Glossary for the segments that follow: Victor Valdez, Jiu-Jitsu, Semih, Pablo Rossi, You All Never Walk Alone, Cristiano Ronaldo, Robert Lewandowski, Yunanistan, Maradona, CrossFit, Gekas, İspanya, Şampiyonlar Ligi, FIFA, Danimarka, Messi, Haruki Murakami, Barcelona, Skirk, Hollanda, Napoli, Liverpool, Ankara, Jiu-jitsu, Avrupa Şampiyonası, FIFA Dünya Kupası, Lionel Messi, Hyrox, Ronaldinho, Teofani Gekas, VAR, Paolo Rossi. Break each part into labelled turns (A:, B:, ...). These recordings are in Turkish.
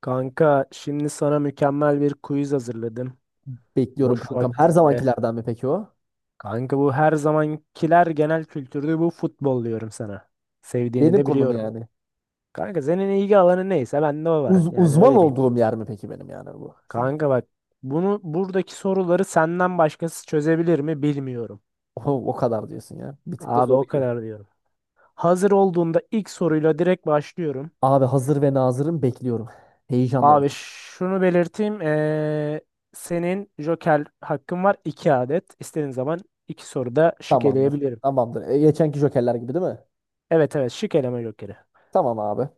A: Kanka, şimdi sana mükemmel bir quiz hazırladım.
B: Bekliyorum
A: Boş
B: kankam. Her
A: vaktinde.
B: zamankilerden mi peki o?
A: Kanka, bu her zamankiler genel kültürde, bu futbol diyorum sana. Sevdiğini
B: Benim
A: de
B: konum
A: biliyorum.
B: yani.
A: Kanka, senin ilgi alanı neyse bende o var.
B: Uz-
A: Yani
B: uzman
A: öyle diyeyim.
B: olduğum yer mi peki benim yani bu? Şimdi.
A: Kanka bak, buradaki soruları senden başkası çözebilir mi bilmiyorum.
B: o, o kadar diyorsun ya. Bir tık da
A: Abi,
B: zor
A: o
B: gibi.
A: kadar diyorum. Hazır olduğunda ilk soruyla direkt başlıyorum.
B: Abi hazır ve nazırım bekliyorum. Heyecanla
A: Abi
B: bekliyorum.
A: şunu belirteyim. Senin Joker hakkın var, 2 adet. İstediğin zaman 2 soruda şık
B: Tamamdır.
A: eleyebilirim.
B: Tamamdır. Geçenki jokerler gibi değil mi?
A: Evet evet, şık eleme Joker'i.
B: Tamam abi.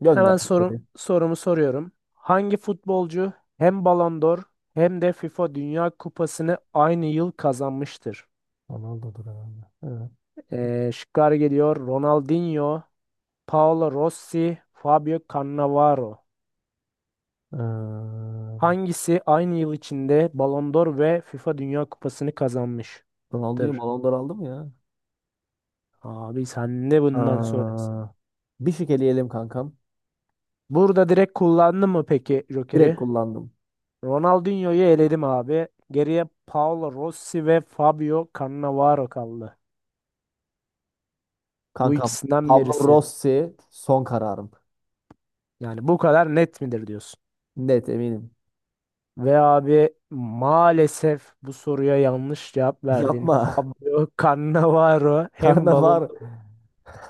B: Gönder
A: Hemen sorum,
B: içeri.
A: sorumu soruyorum. Hangi futbolcu hem Ballon d'Or hem de FIFA Dünya Kupası'nı aynı yıl kazanmıştır?
B: Ronaldo'dur herhalde. Evet.
A: Şıklar geliyor. Ronaldinho, Paolo Rossi, Fabio Cannavaro.
B: Ee,
A: Hangisi aynı yıl içinde Ballon d'Or ve FIFA Dünya Kupası'nı kazanmıştır?
B: Ronaldo'yu Ballon d'Or aldı mı ya?
A: Abi sen de bundan sonrası.
B: Aa, Bir şık eleyelim kankam.
A: Burada direkt kullandın mı peki
B: Direkt
A: Joker'i?
B: kullandım.
A: Ronaldinho'yu eledim abi. Geriye Paolo Rossi ve Fabio Cannavaro kaldı. Bu
B: Kankam.
A: ikisinden
B: Pablo
A: birisi.
B: Rossi son kararım.
A: Yani bu kadar net midir diyorsun?
B: Net eminim.
A: Ve abi, maalesef bu soruya yanlış cevap verdin.
B: Yapma.
A: Fabio Cannavaro hem balon
B: Karnavar.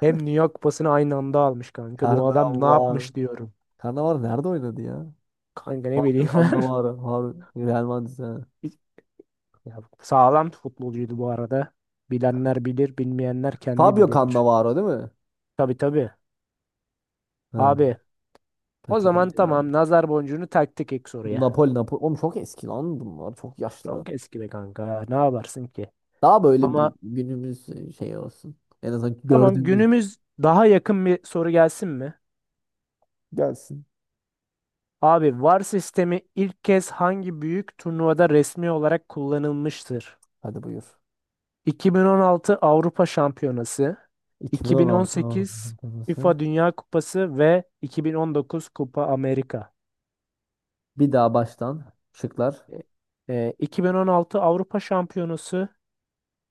A: hem New York pasını aynı anda almış kanka. Bu adam ne
B: Karnavar.
A: yapmış diyorum.
B: Karnavar nerede oynadı ya?
A: Kanka ne
B: Fabio
A: bileyim.
B: Cannavaro. Real Madrid'de, ha.
A: Ya, sağlam futbolcuydu bu arada. Bilenler bilir, bilmeyenler kendi
B: Fabio
A: bilir.
B: Cannavaro değil mi?
A: Tabii tabii.
B: Ha.
A: Abi, o
B: Petrol
A: zaman
B: ya.
A: tamam, nazar boncuğunu taktık ek
B: Bu
A: soruya.
B: Napoli Napoli. Oğlum çok eski lan bunlar. Çok yaşlı.
A: Çok eski be kanka. Ne yaparsın ki?
B: Daha böyle bir
A: Ama
B: günümüz şey olsun. En azından
A: tamam,
B: gördüğümüz
A: günümüz daha yakın bir soru gelsin mi?
B: gelsin.
A: Abi, VAR sistemi ilk kez hangi büyük turnuvada resmi olarak kullanılmıştır?
B: Hadi buyur.
A: 2016 Avrupa Şampiyonası,
B: 2016 Avrupa
A: 2018
B: Şampiyonası.
A: FIFA Dünya Kupası ve 2019 Kupa Amerika.
B: Bir daha baştan şıklar.
A: 2016 Avrupa Şampiyonası,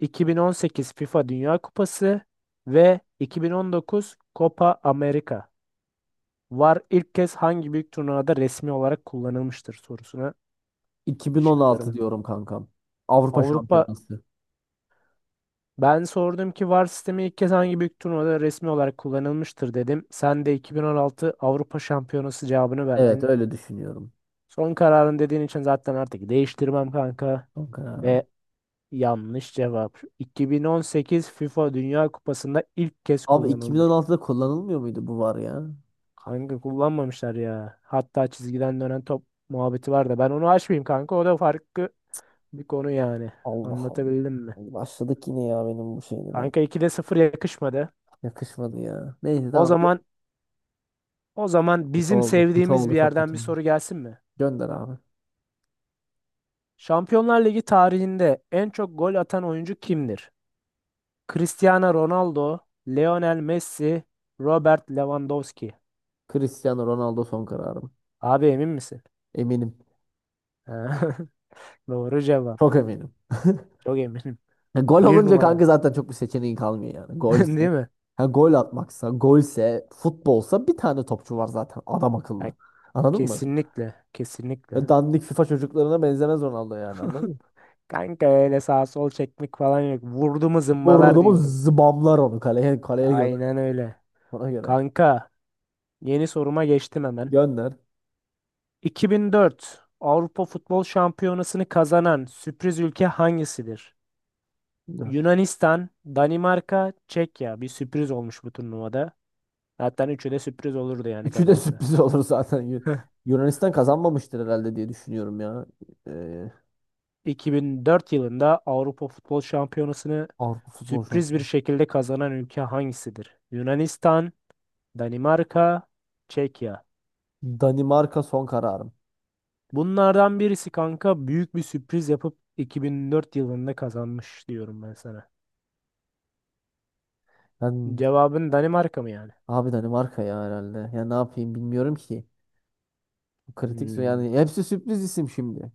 A: 2018 FIFA Dünya Kupası ve 2019 Copa America. VAR ilk kez hangi büyük turnuvada resmi olarak kullanılmıştır sorusuna şıklarım
B: 2016
A: bunlar.
B: diyorum kankam. Avrupa
A: Avrupa
B: Şampiyonası.
A: Ben sordum ki VAR sistemi ilk kez hangi büyük turnuvada resmi olarak kullanılmıştır dedim. Sen de 2016 Avrupa Şampiyonası cevabını
B: Evet,
A: verdin.
B: öyle düşünüyorum.
A: Son kararın dediğin için zaten artık değiştirmem kanka.
B: Son kararım.
A: Ve yanlış cevap. 2018 FIFA Dünya Kupası'nda ilk kez
B: Abi,
A: kullanılmış.
B: 2016'da kullanılmıyor muydu bu var ya?
A: Kanka, kullanmamışlar ya. Hatta çizgiden dönen top muhabbeti var da ben onu açmayayım kanka. O da farklı bir konu yani.
B: Allah Allah.
A: Anlatabildim mi?
B: Başladık yine ya benim bu şeyime.
A: Kanka, 2'de sıfır yakışmadı.
B: Yakışmadı ya. Neyse
A: O
B: tamam.
A: zaman o zaman
B: Kötü
A: bizim
B: oldu. Kötü
A: sevdiğimiz bir
B: oldu. Çok
A: yerden
B: kötü
A: bir
B: oldu.
A: soru gelsin mi?
B: Gönder abi.
A: Şampiyonlar Ligi tarihinde en çok gol atan oyuncu kimdir? Cristiano Ronaldo, Lionel Messi, Robert Lewandowski.
B: Cristiano Ronaldo son kararım.
A: Abi, emin misin?
B: Eminim.
A: Doğru cevap.
B: Çok eminim.
A: Çok eminim.
B: Ya gol
A: Bir
B: olunca
A: numara.
B: kanka zaten çok bir seçeneğin kalmıyor yani.
A: Değil
B: Golse.
A: mi?
B: Ha, gol atmaksa, golse, futbolsa bir tane topçu var zaten. Adam
A: Ya,
B: akıllı. Anladın mı?
A: kesinlikle. Kesinlikle.
B: Ve dandik FIFA çocuklarına benzemez Ronaldo, yani anladın mı?
A: Kanka öyle sağ sol çekmek falan yok. Vurdu mu zımbalar
B: Vurdu mu
A: diyorum.
B: zıbamlar onu kaleye, kaleye göre.
A: Aynen öyle.
B: Ona göre.
A: Kanka, yeni soruma geçtim hemen.
B: Gönder.
A: 2004 Avrupa Futbol Şampiyonası'nı kazanan sürpriz ülke hangisidir?
B: Evet.
A: Yunanistan, Danimarka, Çekya. Bir sürpriz olmuş bu turnuvada. Hatta üçü de sürpriz olurdu yani
B: Üçü de
A: kazansa.
B: sürpriz olur zaten. Yunanistan kazanmamıştır herhalde diye düşünüyorum ya. Ee,
A: 2004 yılında Avrupa Futbol Şampiyonası'nı
B: Avrupa Futbol
A: sürpriz bir
B: Şampiyonu.
A: şekilde kazanan ülke hangisidir? Yunanistan, Danimarka, Çekya.
B: Danimarka son kararım.
A: Bunlardan birisi kanka büyük bir sürpriz yapıp 2004 yılında kazanmış diyorum ben sana.
B: Ben
A: Cevabın Danimarka mı yani?
B: abi, Danimarka ya herhalde. Ya ne yapayım, bilmiyorum ki.
A: Hmm.
B: Yani hepsi sürpriz isim şimdi.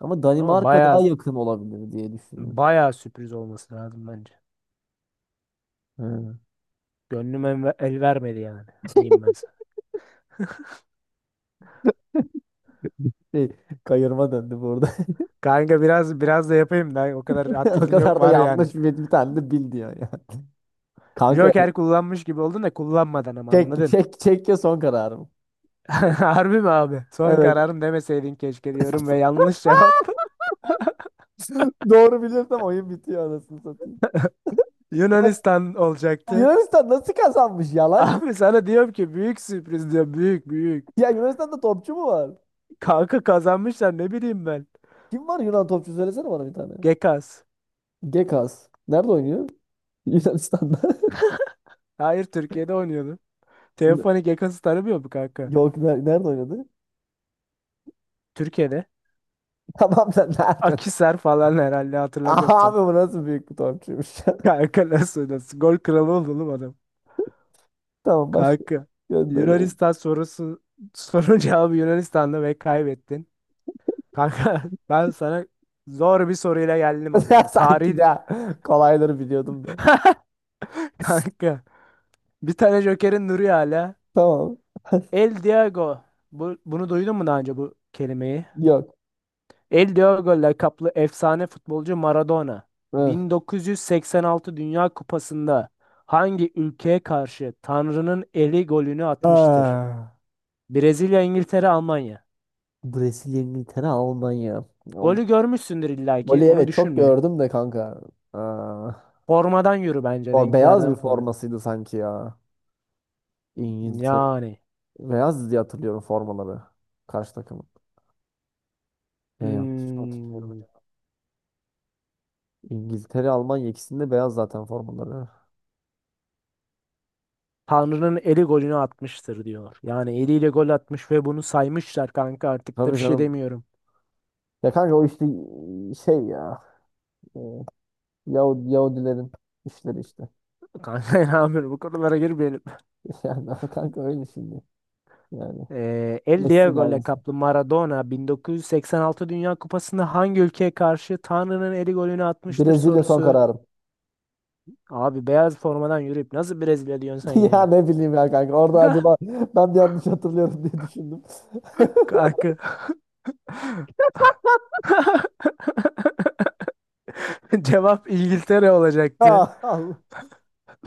B: Ama
A: Ama
B: Danimarka
A: bayağı
B: daha yakın olabilir diye düşünüyorum.
A: bayağı sürpriz olması lazım bence.
B: Hı.
A: Gönlüm el vermedi yani. Diyeyim ben sana.
B: Şey, kayırma döndü burada.
A: Kanka biraz biraz da yapayım da o kadar
B: O
A: hatırın yok
B: kadar da
A: var yani.
B: yanlış bir tane de bil diyor ya. Kanka,
A: Joker kullanmış gibi oldun da kullanmadan, ama
B: çek
A: anladın.
B: çek Çekya son kararım.
A: Harbi mi abi? Son
B: Evet.
A: kararım demeseydin keşke diyorum ve yanlış cevap.
B: Doğru bilirsem oyun bitiyor, anasını satayım. Ya,
A: Yunanistan olacaktı.
B: Yunanistan nasıl kazanmış, yalan ya.
A: Abi sana diyorum ki büyük sürpriz diyor, büyük büyük.
B: Ya Yunanistan'da topçu mu var?
A: Kanka kazanmışlar, ne bileyim ben.
B: Kim var Yunan topçu, söylesene bana bir tane.
A: Gekas.
B: Gekas. Nerede oynuyor? Yunanistan'da.
A: Hayır, Türkiye'de oynuyordu.
B: Ne-
A: Teofani Gekas'ı tanımıyor mu kanka?
B: Yok, nerede oynadı?
A: Türkiye'de.
B: Tamam da nerede?
A: Akisar falan herhalde, hatırlamıyorum
B: Aha abi,
A: tam.
B: bu nasıl büyük bir topçuymuş ya.
A: Kanka nasıl nasıl? Gol kralı oldu oğlum adam.
B: Tamam, başka
A: Kanka.
B: gönder beni.
A: Yunanistan sorusu, sorun cevabı Yunanistan'da ve kaybettin. Kanka ben sana zor bir soruyla geldim o
B: Ya
A: zaman.
B: sanki
A: Tarih
B: de kolayları biliyordum da.
A: kanka. Bir tane Joker'in duruyor hala.
B: Tamam.
A: El Diego. Bunu duydun mu daha önce, bu kelimeyi?
B: Yok.
A: El Diego lakaplı efsane futbolcu Maradona.
B: Hı.
A: 1986 Dünya Kupası'nda hangi ülkeye karşı Tanrı'nın eli golünü atmıştır?
B: Ah.
A: Brezilya, İngiltere, Almanya.
B: Brezilya, İngiltere, Almanya.
A: Golü görmüşsündür illaki.
B: Voli
A: Onu
B: evet, çok
A: düşünme.
B: gördüm de kanka. Aa,
A: Formadan yürü bence,
B: Beyaz bir
A: renklerden falan.
B: formasıydı sanki ya. İngiltere.
A: Yani.
B: Beyaz diye hatırlıyorum formaları. Karşı takımın. Ne, yanlış mı hatırlıyorum
A: Hmm,
B: acaba? İngiltere, Almanya ikisinde beyaz zaten formaları.
A: Tanrı'nın eli golünü atmıştır diyor. Yani eliyle gol atmış ve bunu saymışlar kanka, artık da bir
B: Tabii
A: şey
B: canım.
A: demiyorum.
B: Ya kanka, o işte şey ya. e, Yahudi, Yahudilerin işleri işte.
A: Kanka, ne yapıyorum, bu konulara girmeyelim.
B: Yani ama kanka, öyle şimdi. Yani
A: El
B: Messi de
A: Diego
B: aynısı.
A: kaplı Maradona 1986 Dünya Kupası'nda hangi ülkeye karşı Tanrı'nın eli golünü atmıştır
B: Brezilya son
A: sorusu.
B: kararım.
A: Abi beyaz formadan yürüyüp nasıl Brezilya diyorsun sen
B: Ya
A: ya?
B: ne bileyim ya kanka. Orada acaba ben de yanlış hatırlıyorum diye düşündüm.
A: Kanka. Cevap İngiltere olacaktı.
B: Ya Allah.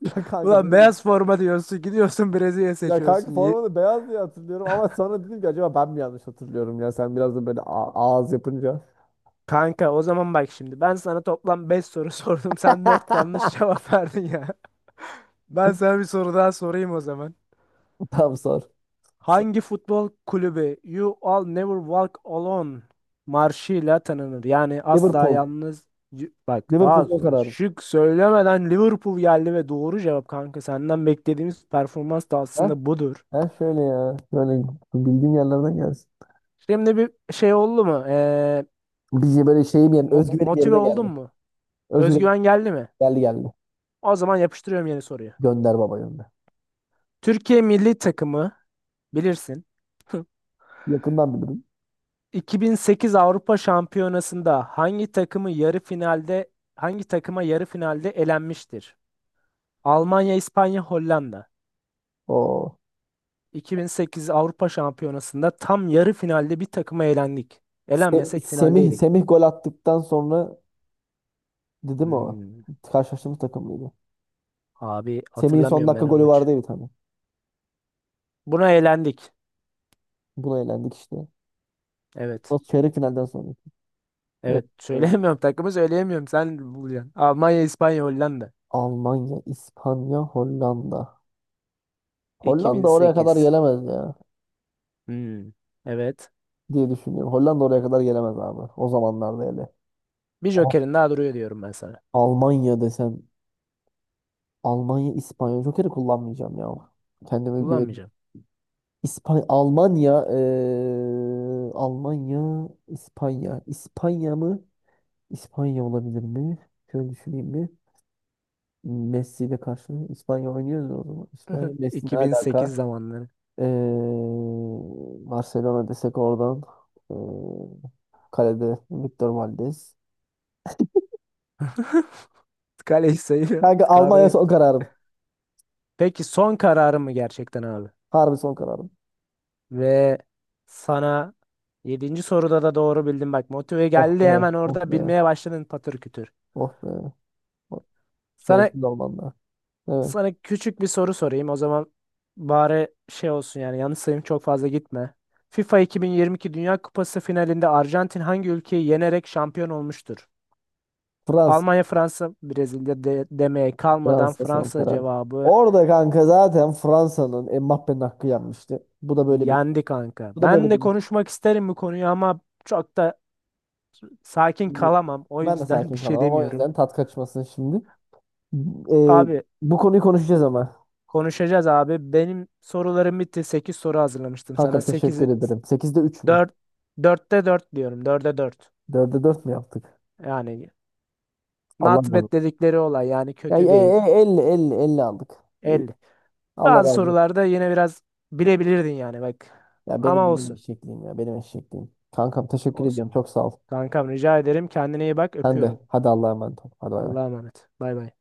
B: Ya kanka
A: Ulan
B: böyle bir
A: beyaz forma diyorsun, gidiyorsun Brezilya
B: ya kanka
A: seçiyorsun.
B: formanı beyaz diye hatırlıyorum ama sonra dedim ki acaba ben mi yanlış hatırlıyorum, ya sen biraz da böyle ağız yapınca.
A: Kanka o zaman bak, şimdi ben sana toplam 5 soru sordum. Sen 4 yanlış cevap verdin ya. Ben sana bir soru daha sorayım o zaman.
B: Tamam, sor. Sor.
A: Hangi futbol kulübü You All Never Walk Alone marşıyla tanınır? Yani asla
B: Liverpool.
A: yalnız bak, daha
B: Liverpool son
A: soru.
B: kararım.
A: Şık söylemeden Liverpool geldi ve doğru cevap kanka. Senden beklediğimiz performans da
B: Ha?
A: aslında budur.
B: Ha şöyle ya. Böyle bildiğim yerlerden gelsin.
A: Şimdi bir şey oldu mu?
B: Bizi böyle şeyim, yani
A: Mo-
B: özgüvenim
A: motive
B: yerine
A: oldun
B: geldi.
A: mu?
B: Özgüvenim
A: Özgüven geldi mi?
B: geldi geldi.
A: O zaman yapıştırıyorum yeni soruyu.
B: Gönder baba gönder.
A: Türkiye milli takımı. Bilirsin.
B: Yakından bilirim.
A: 2008 Avrupa Şampiyonası'nda hangi takıma yarı finalde elenmiştir? Almanya, İspanya, Hollanda.
B: O
A: 2008 Avrupa Şampiyonası'nda tam yarı finalde bir takıma elendik.
B: Se-
A: Elenmesek
B: Semih
A: finaldeydik.
B: Semih gol attıktan sonra dedi mi o?
A: Hmm,
B: Karşılaştığımız takım mıydı?
A: Abi
B: Semih'in son
A: hatırlamıyorum
B: dakika
A: ben o
B: golü
A: maçı.
B: vardı ya bir tane.
A: Buna elendik.
B: Buna elendik işte.
A: Evet.
B: O çeyrek finalden sonra. Evet,
A: Evet.
B: e,
A: Söyleyemiyorum takımı, söyleyemiyorum. Sen bulacaksın. Almanya, İspanya, Hollanda.
B: Almanya, İspanya, Hollanda. Hollanda oraya kadar
A: 2008.
B: gelemez ya
A: Hmm, evet.
B: diye düşünüyorum. Hollanda oraya kadar gelemez abi. O zamanlarda hele.
A: Bir
B: Ama
A: jokerin daha duruyor diyorum ben.
B: Almanya desem, Almanya, İspanya. Joker'i kullanmayacağım ya. Kendime güveniyorum.
A: Kullanmayacağım.
B: İspanya, Almanya, Almanya, İspanya. İspanya mı? İspanya olabilir mi? Şöyle düşüneyim bir. Messi ile karşı İspanya oynuyoruz o zaman. İspanya, Messi ne
A: 2008
B: alaka?
A: zamanları.
B: Ee, Barcelona desek oradan. Ee, Kalede Victor Valdez.
A: Kaleci sayıyor.
B: Kanka, Almanya
A: Kadroyu.
B: son kararım.
A: Peki son kararım mı gerçekten abi?
B: Harbi son kararım.
A: Ve sana, yedinci soruda da doğru bildin bak. Motive
B: Oh
A: geldi,
B: be.
A: hemen
B: Oh
A: orada
B: be.
A: bilmeye başladın patır kütür.
B: Oh be. Oh,
A: Sana
B: şerefsiz Almanlar. Evet.
A: sana küçük bir soru sorayım. O zaman bari şey olsun yani, yanlış sayım çok fazla gitme. FIFA 2022 Dünya Kupası finalinde Arjantin hangi ülkeyi yenerek şampiyon olmuştur?
B: Fransa.
A: Almanya, Fransa, Brezilya de demeye kalmadan
B: Fransa son
A: Fransa
B: karar.
A: cevabı.
B: Orada kanka zaten Fransa'nın, Mbappé'nin hakkı yenmişti. Bu da böyle bir
A: Yendi kanka.
B: bu da
A: Ben
B: böyle
A: de
B: bir
A: konuşmak isterim bu konuyu ama çok da sakin kalamam. O
B: Ben de
A: yüzden bir
B: sakin
A: şey
B: kalamam. O
A: demiyorum.
B: yüzden tat kaçmasın şimdi. Ee,
A: Abi
B: Bu konuyu konuşacağız ama.
A: konuşacağız abi. Benim sorularım bitti. 8 soru hazırlamıştım sana.
B: Kankam
A: Sekiz
B: teşekkür ederim. Sekizde 3 mü?
A: 4 dörtte 4 diyorum. 4'e 4.
B: Dörde 4 mü yaptık?
A: Yani
B: Allah
A: not
B: razı
A: bad
B: olsun.
A: dedikleri olay, yani
B: Ya,
A: kötü değil.
B: 50 50 50 aldık. İyi.
A: 50.
B: Allah razı
A: Bazı
B: olsun.
A: sorularda yine biraz bilebilirdin yani bak.
B: Ya benim
A: Ama
B: benim
A: olsun.
B: eşekliğim, ya benim eşekliğim. Kankam teşekkür ediyorum.
A: Olsun.
B: Çok sağ ol.
A: Kankam rica ederim. Kendine iyi bak.
B: Sen de.
A: Öpüyorum.
B: Hadi Allah'a emanet ol. Hadi bay bay.
A: Allah'a emanet. Bay bay.